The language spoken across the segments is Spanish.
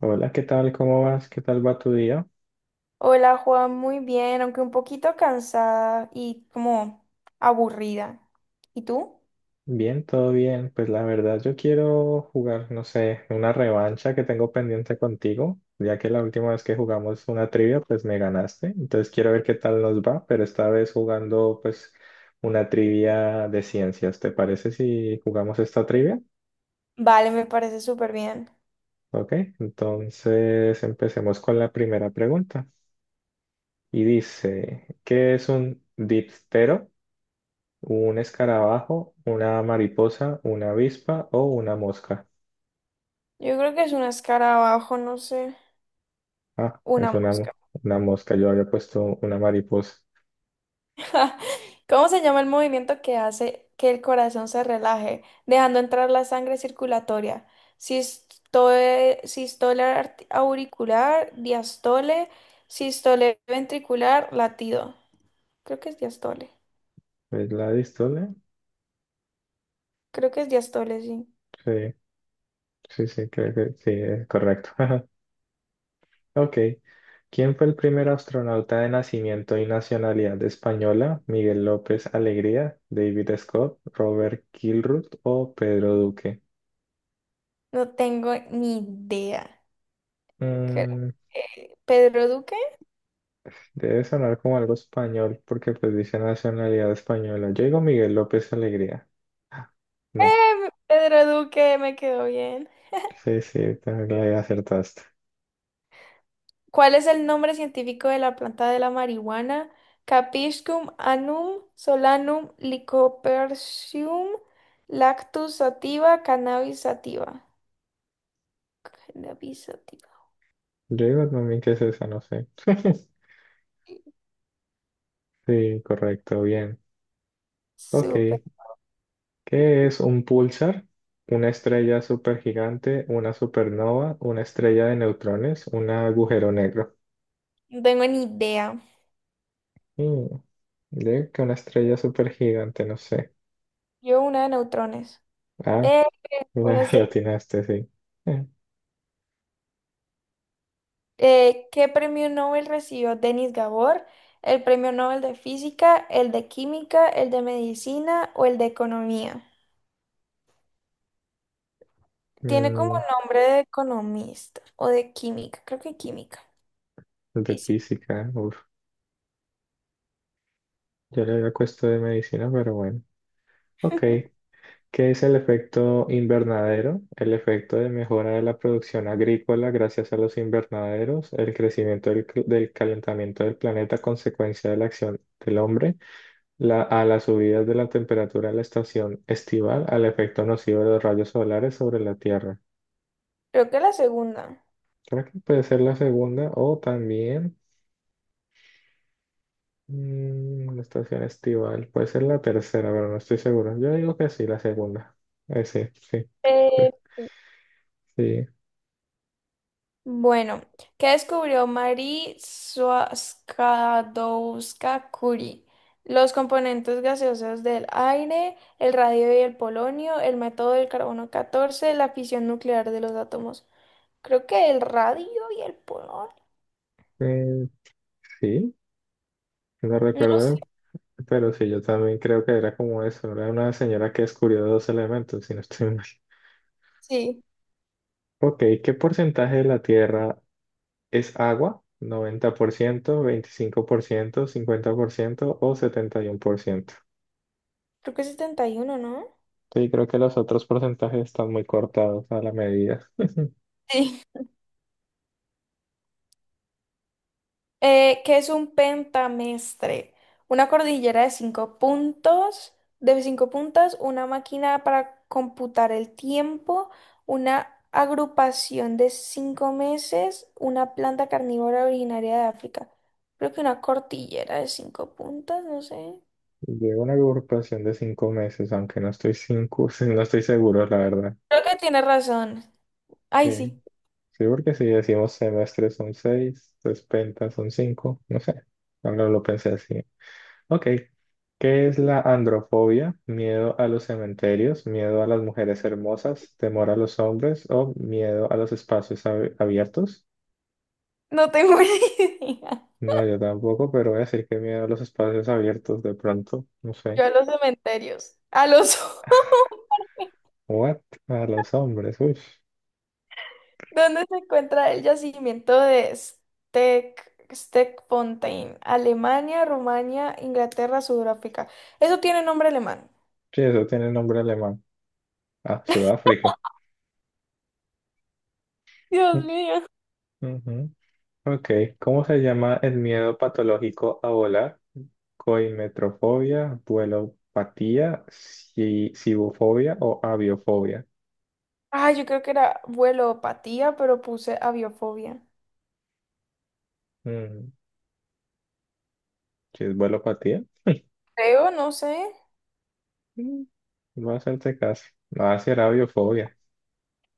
Hola, ¿qué tal? ¿Cómo vas? ¿Qué tal va tu día? Hola Juan, muy bien, aunque un poquito cansada y como aburrida. ¿Y tú? Bien, todo bien. Pues la verdad yo quiero jugar, no sé, una revancha que tengo pendiente contigo, ya que la última vez que jugamos una trivia, pues me ganaste. Entonces quiero ver qué tal nos va, pero esta vez jugando pues una trivia de ciencias. ¿Te parece si jugamos esta trivia? Vale, me parece súper bien. Ok, entonces empecemos con la primera pregunta. Y dice, ¿qué es un diptero? ¿Un escarabajo, una mariposa, una avispa o una mosca? Yo creo que es un escarabajo, no sé, Ah, es una una, mosca. mo- una mosca. Yo había puesto una mariposa. ¿Cómo se llama el movimiento que hace que el corazón se relaje, dejando entrar la sangre circulatoria? Sisto- Sistole, auricular, diastole, sistole ventricular, latido. Creo que es diastole. ¿Es la dístole? Creo que es diastole, sí. Sí, sí, sí, creo que sí, es correcto. Ok. ¿Quién fue el primer astronauta de nacimiento y nacionalidad española? ¿Miguel López Alegría, David Scott, Robert Kilruth o Pedro Duque? No tengo ni idea. Creo Mm, que Pedro Duque. Debe sonar como algo español porque pues dice nacionalidad española. Yo digo Miguel López Alegría. Ah, no, Pedro Duque, me quedó bien. sí, sí, también le acertaste. ¿Cuál es el nombre científico de la planta de la marihuana? Capiscum annum solanum lycopersicum lactus sativa cannabis sativa. Cannabis sativa. Yo digo también que es esa, no sé. Sí, correcto, bien. Ok, Súper. ¿qué es un pulsar? Una estrella supergigante, una supernova, una estrella de neutrones, un agujero negro. No tengo ni idea. Mm, yo digo que una estrella supergigante, no sé. Yo una de neutrones. Ah, Eh, la, una la atinaste, sí. ¿Qué premio Nobel recibió Denis Gabor? ¿El premio Nobel de Física, el de Química, el de Medicina o el de Economía? Eh, Tiene como mm, nombre de economista o de química, creo que química, el de física, física, uf, yo le había puesto de medicina, pero bueno. Ok, ¿qué es el efecto invernadero? El efecto de mejora de la producción agrícola gracias a los invernaderos, el crecimiento del calentamiento del planeta a consecuencia de la acción del hombre, a las subidas de la temperatura en la estación estival, al efecto nocivo de los rayos solares sobre la Tierra. creo que la segunda. Creo que puede ser la segunda o también... la estación estival, puede ser la tercera, pero no estoy seguro. Yo digo que sí, la segunda. Sí, sí, Eh, sí. Bueno, ¿qué descubrió Marie Sklodowska-Curie? Los componentes gaseosos del aire, el radio y el polonio, el método del carbono 14, la fisión nuclear de los átomos. Creo que el radio y el polonio. Eh, sí, no No, recuerdo, pero sí, yo también creo que era como eso. Era una señora que descubrió dos elementos, si no estoy mal. sí, Ok, ¿qué porcentaje de la Tierra es agua? ¿Noventa por ciento, 25%, 50% o 71%? creo que es 71, ¿no? Sí, creo que los otros porcentajes están muy cortados a la medida. Sí. ¿Qué es un pentamestre? Una cordillera de cinco puntos, de cinco puntas, una máquina para computar el tiempo, una agrupación de cinco meses, una planta carnívora originaria de África. Creo que una cordillera de cinco puntas, no sé. Llevo una agrupación de 5 meses, aunque no estoy cinco, no estoy seguro, la verdad. Creo que tiene razón. Ay, Sí, sí, sí, porque si decimos semestre son seis, pues penta son cinco, no sé. Ahora lo pensé así. Ok. ¿Qué es la androfobia? ¿Miedo a los cementerios? ¿Miedo a las mujeres hermosas? ¿Temor a los hombres? ¿O miedo a los espacios abiertos? no tengo ni idea. No, yo tampoco, pero voy a decir que miedo a los espacios abiertos de pronto, no sé. Yo a los cementerios, a los What? A los hombres, uy. ¿Dónde se encuentra el yacimiento de Steckfontein? Alemania, Rumania, Inglaterra, Sudáfrica. Eso tiene nombre alemán. Sí, eso tiene nombre alemán. Ah, Sudáfrica. Dios mío. Ujú. Ok, ¿cómo se llama el miedo patológico a volar? Coimetrofobia, vuelopatía, cibofobia o aviofobia. Ah, yo creo que era vuelopatía, pero puse aviofobia. Mm, Si es vuelopatía, Creo, no sé. mm, no hacerte caso. Va a ser aviofobia.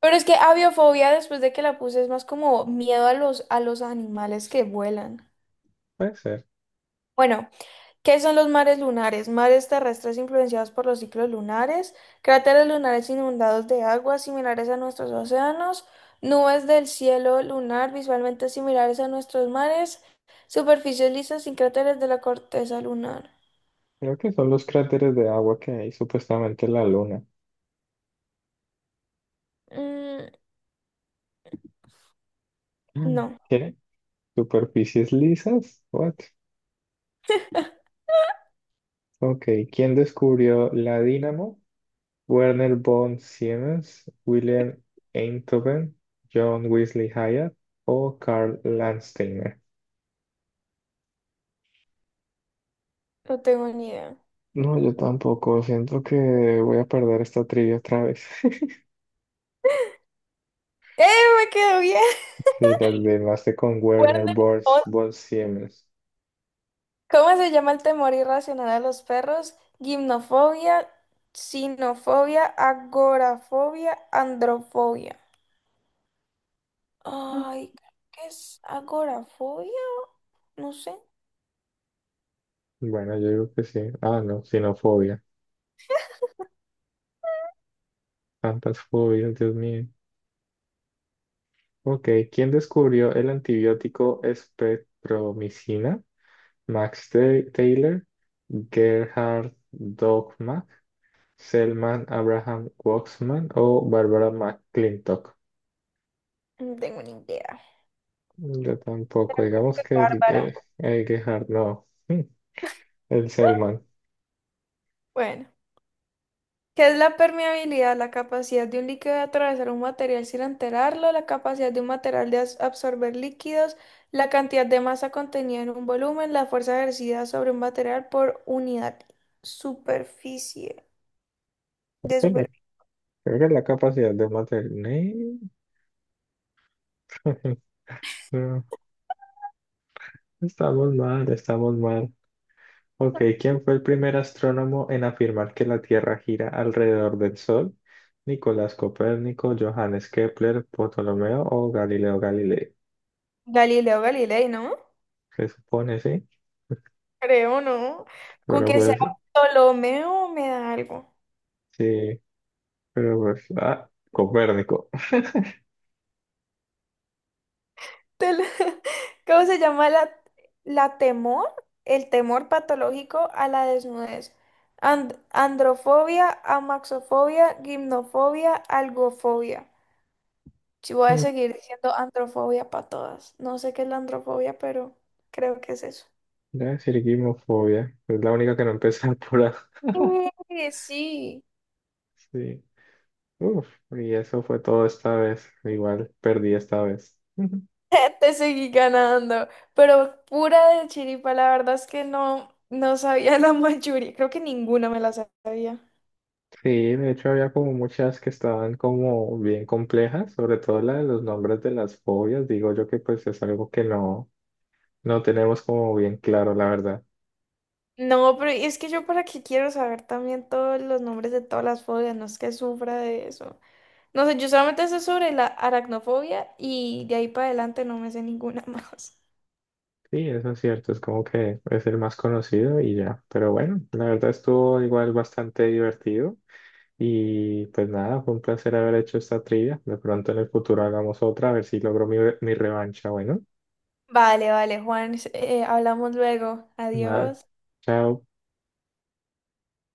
Pero es que aviofobia, después de que la puse, es más como miedo a los animales que vuelan. Puede ser. Bueno, ¿qué son los mares lunares? Mares terrestres influenciados por los ciclos lunares, cráteres lunares inundados de aguas similares a nuestros océanos, nubes del cielo lunar visualmente similares a nuestros mares, superficies lisas sin cráteres de la corteza lunar. Creo que son los cráteres de agua que hay supuestamente en la luna. Mm, Mm. no, ¿Qué? ¿Superficies lisas? What? Ok, ¿quién descubrió la dínamo? Werner von Siemens, Wilhelm Einthoven, John Wesley Hyatt o Karl Landsteiner. no tengo ni idea. No, yo tampoco. Siento que voy a perder esta trivia otra vez. ¡Eh, me quedó bien! Sí, las demás con Cuerno Werner de von, león. von Siemens. ¿Cómo se llama el temor irracional a los perros? Gimnofobia, sinofobia, agorafobia, androfobia. Mm. Ay, creo que es agorafobia, no sé, Bueno, yo digo que sí. Ah, no, xenofobia. Tantas fobias, Dios mío. Ok, ¿quién descubrió el antibiótico espectromicina? Max Taylor, Gerhard Dogma. Selman Abraham Waxman o Barbara McClintock. no tengo ni idea. Yo tampoco, digamos Qué que bárbara. El Gerhard no, el Selman. Bueno, ¿qué es la permeabilidad? La capacidad de un líquido de atravesar un material sin enterarlo, la capacidad de un material de absorber líquidos, la cantidad de masa contenida en un volumen, la fuerza ejercida sobre un material por unidad superficie de Bueno, superficie. creo que la capacidad de mantener. No, estamos mal, estamos mal. Ok, ¿quién fue el primer astrónomo en afirmar que la Tierra gira alrededor del Sol? ¿Nicolás Copérnico, Johannes Kepler, Ptolomeo o Galileo Galilei? Galileo Galilei, ¿no? Se supone, Creo, ¿no? Con pero que sea pues Ptolomeo me da algo. sí. Pero pues, ah, Copérnico. Tel- ¿Cómo se llama la temor? El temor patológico a la desnudez. Androfobia, amaxofobia, gimnofobia, algofobia. Si voy a Mm, seguir diciendo androfobia para todas. No sé qué es la androfobia, pero creo que es eso. La cirquimofobia. Es la única que no empezó por A. Sí, Sí. Uf, y eso fue todo esta vez. Igual perdí esta vez. Ujú. te seguí ganando. Pero pura de chiripa, la verdad es que no, no sabía la mayoría. Creo que ninguna me la sabía. Sí, de hecho había como muchas que estaban como bien complejas, sobre todo la de los nombres de las fobias. Digo yo que pues es algo que no, no tenemos como bien claro, la verdad. No, pero es que yo para qué quiero saber también todos los nombres de todas las fobias, no es que sufra de eso. No sé, yo solamente sé sobre la aracnofobia y de ahí para adelante no me sé ninguna más. Sí, eso es cierto, es como que es el más conocido y ya. Pero bueno, la verdad estuvo igual bastante divertido. Y pues nada, fue un placer haber hecho esta trivia. De pronto en el futuro hagamos otra, a ver si logro mi revancha. Bueno, Vale, vale, Juan, hablamos luego. nada, Adiós. chao.